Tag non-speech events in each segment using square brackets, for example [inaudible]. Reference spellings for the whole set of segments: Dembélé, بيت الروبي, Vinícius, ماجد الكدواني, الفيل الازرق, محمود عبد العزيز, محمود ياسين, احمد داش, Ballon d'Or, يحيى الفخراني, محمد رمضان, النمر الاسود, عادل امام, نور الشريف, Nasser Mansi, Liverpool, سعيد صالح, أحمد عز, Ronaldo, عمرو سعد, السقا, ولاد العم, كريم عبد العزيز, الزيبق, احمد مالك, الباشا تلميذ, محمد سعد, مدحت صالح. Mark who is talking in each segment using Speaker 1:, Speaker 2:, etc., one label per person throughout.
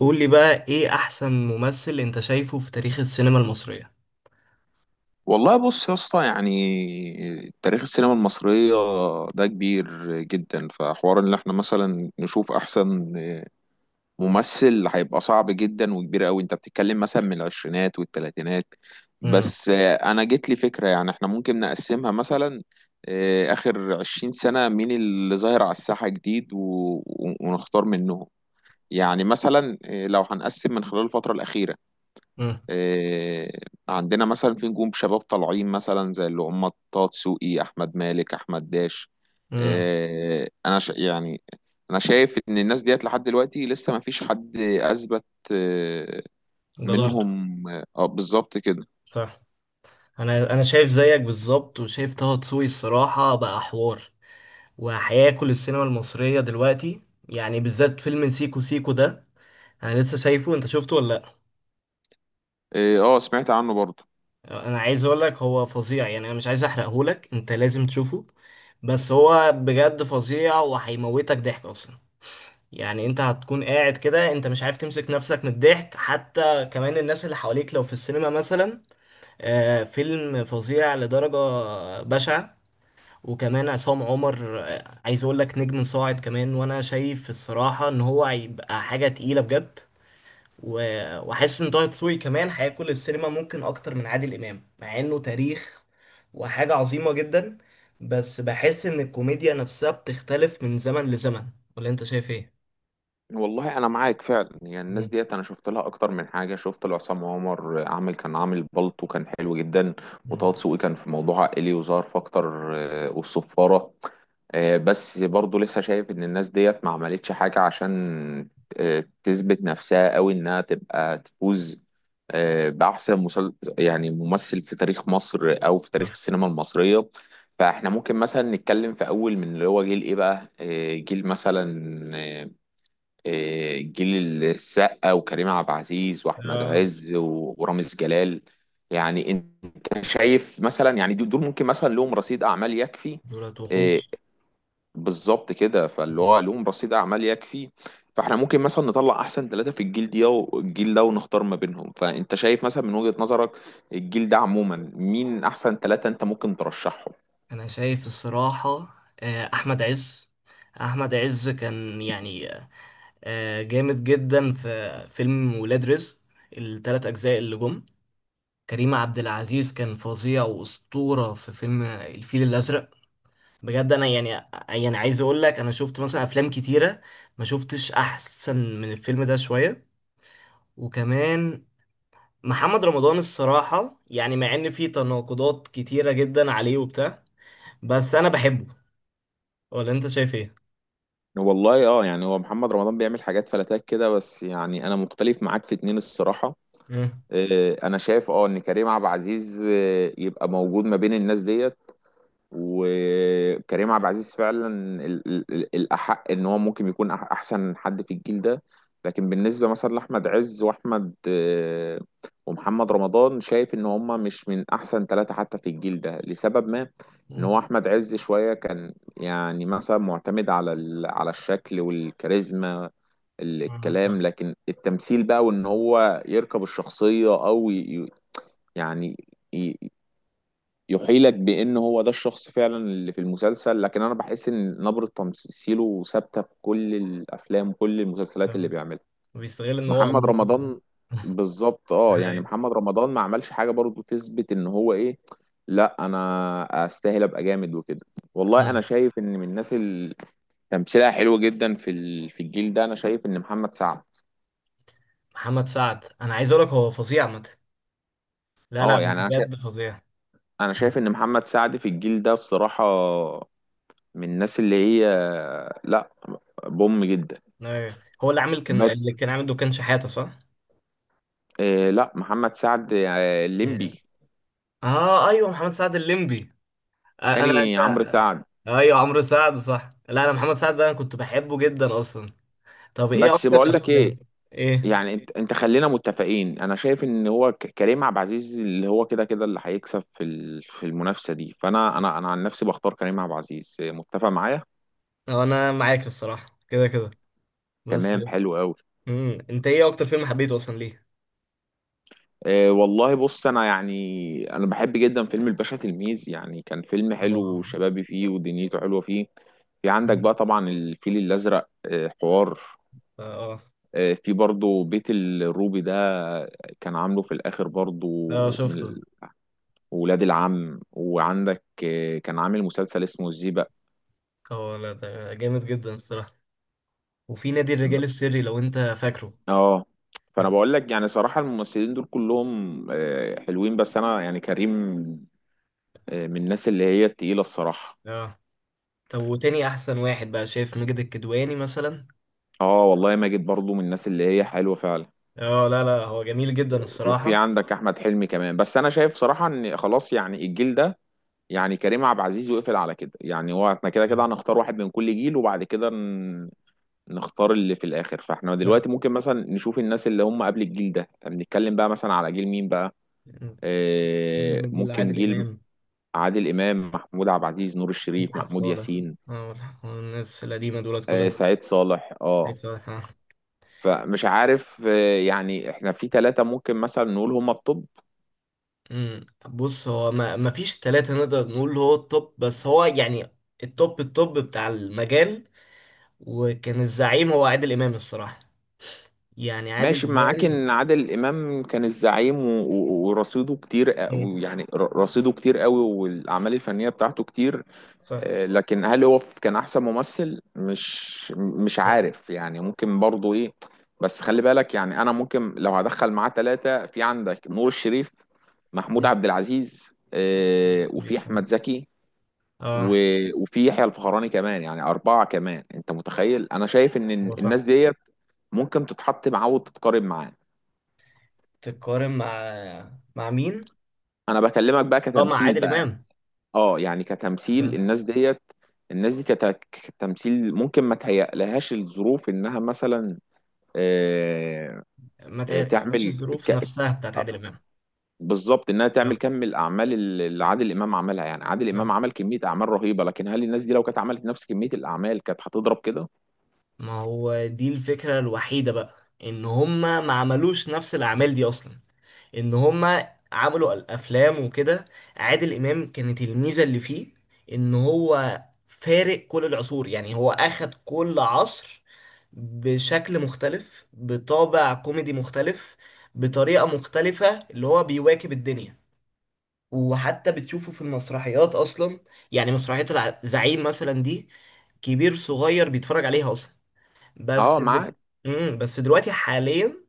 Speaker 1: قول لي بقى ايه احسن ممثل انت شايفه في تاريخ السينما المصرية؟
Speaker 2: والله بص يا اسطى، يعني تاريخ السينما المصرية ده كبير جدا، فحوار ان احنا مثلا نشوف احسن ممثل هيبقى صعب جدا وكبير قوي. انت بتتكلم مثلا من العشرينات والتلاتينات.
Speaker 1: امم.
Speaker 2: بس انا جت لي فكرة، يعني احنا ممكن نقسمها مثلا، اخر 20 سنة مين اللي ظاهر على الساحة جديد، و- و- ونختار منهم. يعني مثلا، لو هنقسم من خلال الفترة الأخيرة،
Speaker 1: امم.
Speaker 2: آه، عندنا مثلا في نجوم شباب طالعين، مثلا زي اللي هم طه دسوقي، احمد مالك، احمد داش.
Speaker 1: امم.
Speaker 2: يعني انا شايف ان الناس ديت لحد دلوقتي لسه ما فيش حد اثبت آه،
Speaker 1: جدارته.
Speaker 2: منهم. بالظبط كده.
Speaker 1: صح. انا شايف زيك بالظبط، وشايف طه دسوقي الصراحة بقى حوار، وهياكل السينما المصرية دلوقتي. يعني بالذات فيلم سيكو سيكو ده، انا لسه شايفه. انت شفته ولا؟
Speaker 2: سمعت عنه برضه.
Speaker 1: لا، انا عايز اقول لك هو فظيع. يعني انا مش عايز احرقهولك، انت لازم تشوفه. بس هو بجد فظيع، وهيموتك ضحك اصلا. يعني انت هتكون قاعد كده، انت مش عارف تمسك نفسك من الضحك، حتى كمان الناس اللي حواليك لو في السينما مثلا. فيلم فظيع لدرجة بشعة. وكمان عصام عمر، عايز اقول لك نجم صاعد كمان. وانا شايف الصراحة ان هو هيبقى حاجة تقيلة بجد. واحس ان طه دسوقي كمان هياكل السينما ممكن اكتر من عادل امام، مع انه تاريخ وحاجة عظيمة جدا. بس بحس ان الكوميديا نفسها بتختلف من زمن لزمن. ولا انت شايف ايه؟
Speaker 2: والله انا معاك فعلا، يعني الناس ديت انا شفت لها اكتر من حاجه، شفت لعصام عمر كان عامل بالطو كان حلو جدا.
Speaker 1: مم.
Speaker 2: وطه دسوقي كان في موضوع عائلي وظهر في اكتر، والصفاره. بس برضو لسه شايف ان الناس ديت ما عملتش حاجة عشان تثبت نفسها قوي انها تبقى تفوز بأحسن يعني ممثل في تاريخ مصر او في تاريخ
Speaker 1: اه.
Speaker 2: السينما المصرية. فاحنا ممكن مثلا نتكلم في اول من اللي هو جيل ايه بقى، جيل مثلا، آه، جيل السقا وكريم عبد العزيز واحمد
Speaker 1: آه.
Speaker 2: عز و- ورامز جلال. يعني انت شايف مثلا، يعني دول ممكن مثلا لهم رصيد اعمال يكفي؟
Speaker 1: دولت وحوش.
Speaker 2: آه، بالظبط كده، فاللي هو لهم رصيد اعمال يكفي. فاحنا ممكن مثلا نطلع احسن ثلاثة في الجيل دي والجيل ده، ونختار ما بينهم. فانت شايف مثلا من وجهة نظرك، الجيل ده عموما مين احسن ثلاثة انت ممكن ترشحهم؟
Speaker 1: انا شايف الصراحة، احمد عز. احمد عز كان يعني جامد جدا في فيلم ولاد رزق، الثلاث اجزاء اللي جم. كريم عبد العزيز كان فظيع واسطورة في فيلم الفيل الازرق. بجد انا يعني عايز اقول لك انا شفت مثلا افلام كتيرة، ما شفتش احسن من الفيلم ده شوية. وكمان محمد رمضان الصراحة، يعني مع ان في تناقضات كتيرة جدا عليه وبتاع، بس انا بحبه. ولا انت شايف ايه؟
Speaker 2: والله، يعني هو محمد رمضان بيعمل حاجات فلاتات كده، بس يعني انا مختلف معاك في اتنين الصراحة.
Speaker 1: مم.
Speaker 2: انا شايف ان كريم عبد العزيز يبقى موجود ما بين الناس ديت. وكريم عبد العزيز فعلا الأحق إن هو ممكن يكون أحسن حد في الجيل ده. لكن بالنسبة مثلا لأحمد عز، وأحمد ومحمد رمضان، شايف إن هما مش من أحسن ثلاثة حتى في الجيل ده لسبب ما. إن هو
Speaker 1: مم.
Speaker 2: أحمد عز شوية كان يعني مثلا معتمد على على الشكل والكاريزما،
Speaker 1: مم.
Speaker 2: الكلام،
Speaker 1: صح.
Speaker 2: لكن التمثيل بقى، وإن هو يركب الشخصية أو يعني يحيلك بان هو ده الشخص فعلا اللي في المسلسل، لكن انا بحس ان نبرة تمثيله ثابتة في كل الافلام وكل المسلسلات اللي
Speaker 1: آه.
Speaker 2: بيعملها.
Speaker 1: بيستغل ان هو
Speaker 2: محمد
Speaker 1: امور كده.
Speaker 2: رمضان، بالظبط. اه يعني
Speaker 1: أيوة.
Speaker 2: محمد رمضان ما عملش حاجة برضو تثبت ان هو ايه، لا انا استاهل ابقى جامد وكده. والله انا
Speaker 1: مم.
Speaker 2: شايف ان من الناس اللي تمثيلها حلو جدا في في الجيل ده، انا شايف ان محمد سعد.
Speaker 1: محمد سعد انا عايز اقول لك هو فظيع مت. لا، لا،
Speaker 2: اه
Speaker 1: هو
Speaker 2: يعني انا شايف
Speaker 1: بجد فظيع.
Speaker 2: انا
Speaker 1: مم.
Speaker 2: شايف ان محمد سعد في الجيل ده الصراحة من الناس اللي هي، لا، بوم جدا.
Speaker 1: أيوة. هو اللي عامل، كان اللي
Speaker 2: بس،
Speaker 1: كان عامل دكان شحاته، صح؟
Speaker 2: لا، محمد سعد،
Speaker 1: Yeah.
Speaker 2: الليمبي.
Speaker 1: اه، ايوه، محمد سعد الليمبي. آه، انا
Speaker 2: تاني عمرو
Speaker 1: أنت-
Speaker 2: سعد.
Speaker 1: ايوه، عمرو سعد، صح. لا، انا محمد سعد ده انا كنت بحبه جدا اصلا. طب ايه
Speaker 2: بس
Speaker 1: اكتر
Speaker 2: بقول لك ايه؟
Speaker 1: افلام؟ ايه.
Speaker 2: يعني انت خلينا متفقين، انا شايف ان هو كريم عبد العزيز اللي هو كده كده اللي هيكسب في في المنافسه دي، فانا انا عن نفسي بختار كريم عبد العزيز، متفق معايا؟
Speaker 1: هو انا معاك الصراحه كده كده، بس.
Speaker 2: تمام، حلو قوي.
Speaker 1: مم. انت ايه اكتر فيلم حبيته اصلا، ليه؟
Speaker 2: والله بص، انا بحب جدا فيلم الباشا تلميذ. يعني كان فيلم حلو
Speaker 1: اه.
Speaker 2: وشبابي فيه، ودنيته حلوه فيه. في عندك بقى طبعا الفيل الازرق، حوار.
Speaker 1: اه.
Speaker 2: في برضو بيت الروبي ده، كان عامله في الآخر برضو،
Speaker 1: اه،
Speaker 2: من
Speaker 1: شفته.
Speaker 2: ولاد العم. وعندك كان عامل مسلسل اسمه الزيبق.
Speaker 1: هو لا، ده جامد جدا الصراحة. وفي نادي الرجال السري، لو انت فاكره.
Speaker 2: اه. فأنا بقول لك يعني صراحة، الممثلين دول كلهم حلوين، بس أنا يعني كريم من الناس اللي هي التقيلة الصراحة.
Speaker 1: اه. طب وتاني احسن واحد بقى، شايف ماجد الكدواني مثلا؟
Speaker 2: اه والله، ماجد برضو من الناس اللي هي حلوة فعلا.
Speaker 1: اه، لا، لا، هو جميل جدا
Speaker 2: وفي
Speaker 1: الصراحة.
Speaker 2: عندك أحمد حلمي كمان. بس أنا شايف صراحة إن خلاص، يعني الجيل ده يعني كريم عبد العزيز، وقفل على كده. يعني هو احنا كده
Speaker 1: آه.
Speaker 2: كده هنختار واحد من كل جيل، وبعد كده نختار اللي في الاخر. فاحنا
Speaker 1: آه.
Speaker 2: دلوقتي ممكن مثلا نشوف الناس اللي هم قبل الجيل ده، يعني بنتكلم بقى مثلا على جيل مين بقى؟
Speaker 1: جيل
Speaker 2: ممكن
Speaker 1: عادل
Speaker 2: جيل
Speaker 1: امام.
Speaker 2: عادل امام، محمود عبد العزيز، نور الشريف،
Speaker 1: مدحت
Speaker 2: محمود
Speaker 1: صالح.
Speaker 2: ياسين،
Speaker 1: اه. والناس القديمة دولت كلها.
Speaker 2: سعيد صالح. اه.
Speaker 1: سعيد صالح. آه.
Speaker 2: فمش عارف، يعني احنا في ثلاثة ممكن مثلا نقول هم الطب.
Speaker 1: أمم. بص، هو ما فيش ثلاثة نقدر نقول هو التوب، بس هو يعني التوب التوب بتاع المجال. وكان الزعيم هو عادل امام الصراحه. يعني عادل
Speaker 2: ماشي معاك
Speaker 1: امام.
Speaker 2: ان عادل امام كان الزعيم، و- و- ورصيده كتير،
Speaker 1: مم.
Speaker 2: يعني رصيده كتير قوي، والاعمال الفنيه بتاعته كتير.
Speaker 1: صح.
Speaker 2: لكن هل هو كان احسن ممثل؟ مش عارف، يعني ممكن برضه ايه. بس خلي بالك، يعني انا ممكن لو هدخل معاه ثلاثه، في عندك نور الشريف، محمود
Speaker 1: مم.
Speaker 2: عبد العزيز،
Speaker 1: ليه،
Speaker 2: وفي
Speaker 1: صح.
Speaker 2: احمد زكي،
Speaker 1: اه.
Speaker 2: و- وفي يحيى الفخراني كمان، يعني اربعه كمان، انت متخيل؟ انا شايف ان
Speaker 1: هو
Speaker 2: الناس
Speaker 1: صح.
Speaker 2: ديت ممكن تتحط معاه وتتقارب معاه.
Speaker 1: تتقارن مع مين؟
Speaker 2: انا بكلمك بقى
Speaker 1: اه، مع
Speaker 2: كتمثيل
Speaker 1: عادل
Speaker 2: بقى.
Speaker 1: امام.
Speaker 2: اه يعني كتمثيل
Speaker 1: بس
Speaker 2: الناس ديت. الناس دي كتمثيل ممكن ما تهيألهاش الظروف انها مثلا آه،
Speaker 1: ما تقلقش
Speaker 2: تعمل
Speaker 1: الظروف
Speaker 2: ك-
Speaker 1: نفسها بتاعت عادل امام.
Speaker 2: بالظبط انها تعمل
Speaker 1: صح.
Speaker 2: كم الاعمال اللي عادل امام عملها. يعني عادل
Speaker 1: صح.
Speaker 2: امام عمل كميه اعمال رهيبه، لكن هل الناس دي لو كانت عملت نفس كميه الاعمال كانت هتضرب كده؟
Speaker 1: ما هو دي الفكره الوحيده بقى، ان هما ما عملوش نفس الاعمال دي اصلا، ان هما عملوا الافلام وكده. عادل امام كانت الميزه اللي فيه ان هو فارق كل العصور. يعني هو اخد كل عصر بشكل مختلف، بطابع كوميدي مختلف، بطريقه مختلفه، اللي هو بيواكب الدنيا. وحتى بتشوفه في المسرحيات اصلا. يعني مسرحيه الزعيم مثلا دي، كبير صغير بيتفرج عليها اصلا.
Speaker 2: اه،
Speaker 1: بس دل...
Speaker 2: معاك.
Speaker 1: بس دلوقتي حاليا،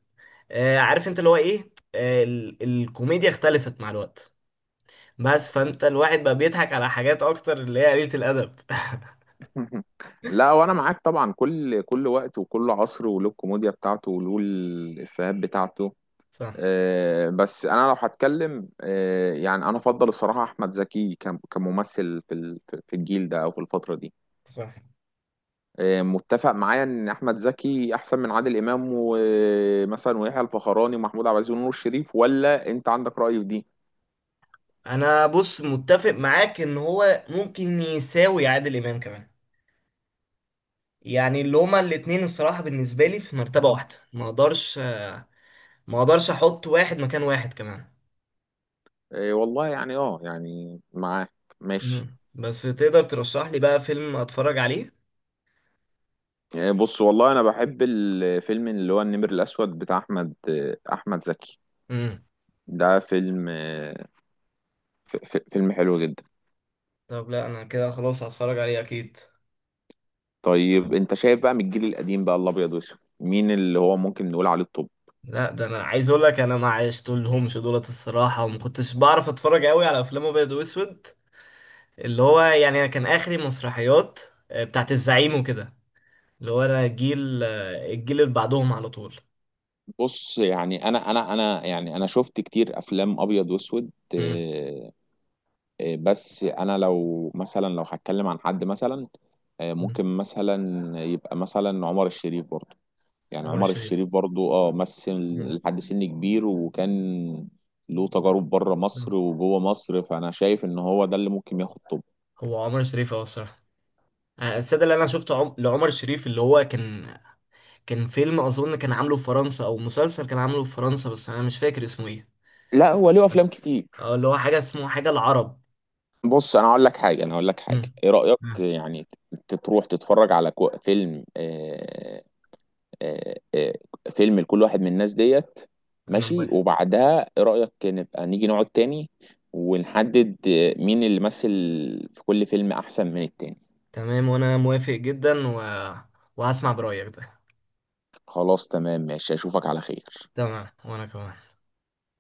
Speaker 1: عارف انت اللي هو ايه، الكوميديا اختلفت مع الوقت. بس فانت الواحد بقى بيضحك على حاجات اكتر اللي هي قليلة الادب [laughs]
Speaker 2: [laughs] لا وانا معاك طبعا. كل وقت وكل عصر، وله الكوميديا بتاعته وله الافيهات بتاعته.
Speaker 1: صح.
Speaker 2: بس انا لو هتكلم يعني انا افضل الصراحه احمد زكي كممثل في في الجيل ده او في الفتره دي.
Speaker 1: صح.
Speaker 2: متفق معايا ان احمد زكي احسن من عادل امام، ومثلا ويحيى الفخراني ومحمود عبد العزيز ونور الشريف؟ ولا انت عندك راي في دي؟
Speaker 1: انا بص متفق معاك ان هو ممكن يساوي عادل امام كمان. يعني اللي هما الاتنين الصراحة بالنسبة لي في مرتبة واحدة. ما اقدرش احط واحد مكان واحد كمان.
Speaker 2: والله يعني، يعني معاك. ماشي.
Speaker 1: مم. بس تقدر ترشح لي بقى فيلم اتفرج عليه؟
Speaker 2: بص، والله انا بحب الفيلم اللي هو النمر الاسود بتاع احمد زكي.
Speaker 1: امم.
Speaker 2: ده فيلم، فيلم حلو جدا.
Speaker 1: طب، لا انا كده خلاص هتفرج عليه اكيد.
Speaker 2: طيب انت شايف بقى، من الجيل القديم بقى الابيض واسود، مين اللي هو ممكن نقول عليه الطب؟
Speaker 1: لا، ده انا عايز اقول لك انا ما عشتلهمش دولت الصراحه، وما كنتش بعرف اتفرج قوي على افلام ابيض واسود. اللي هو يعني انا كان اخري مسرحيات بتاعت الزعيم وكده. اللي هو انا الجيل اللي بعدهم على طول.
Speaker 2: بص، يعني انا يعني انا شفت كتير افلام ابيض واسود،
Speaker 1: امم.
Speaker 2: بس انا لو هتكلم عن حد مثلا،
Speaker 1: أمم.
Speaker 2: ممكن مثلا يبقى مثلا عمر الشريف برضه. يعني
Speaker 1: عمر
Speaker 2: عمر
Speaker 1: الشريف.
Speaker 2: الشريف برضه، مثل
Speaker 1: أمم.
Speaker 2: لحد سن كبير، وكان له تجارب بره مصر
Speaker 1: أمم.
Speaker 2: وجوه مصر، فانا شايف ان هو ده اللي ممكن ياخد طب.
Speaker 1: هو عمر الشريف الصراحه. السادة اللي انا شفته لعمر الشريف، اللي هو كان فيلم اظن كان عامله في فرنسا، او مسلسل كان عامله في فرنسا، بس انا مش فاكر اسمه ايه.
Speaker 2: لا، هو له افلام
Speaker 1: بس
Speaker 2: كتير.
Speaker 1: اه اللي هو حاجه اسمه حاجه العرب.
Speaker 2: بص، انا اقول لك حاجه،
Speaker 1: أمم.
Speaker 2: ايه رايك
Speaker 1: أمم.
Speaker 2: يعني تروح تتفرج على فيلم، آه، آه، فيلم لكل واحد من الناس ديت.
Speaker 1: انا
Speaker 2: ماشي،
Speaker 1: موافق.
Speaker 2: وبعدها ايه رايك نبقى نيجي نقعد تاني، ونحدد مين اللي مثل في كل فيلم احسن من التاني؟
Speaker 1: تمام، وانا موافق جدا. وهسمع برايك ده.
Speaker 2: خلاص تمام، ماشي، اشوفك على خير.
Speaker 1: تمام وانا كمان.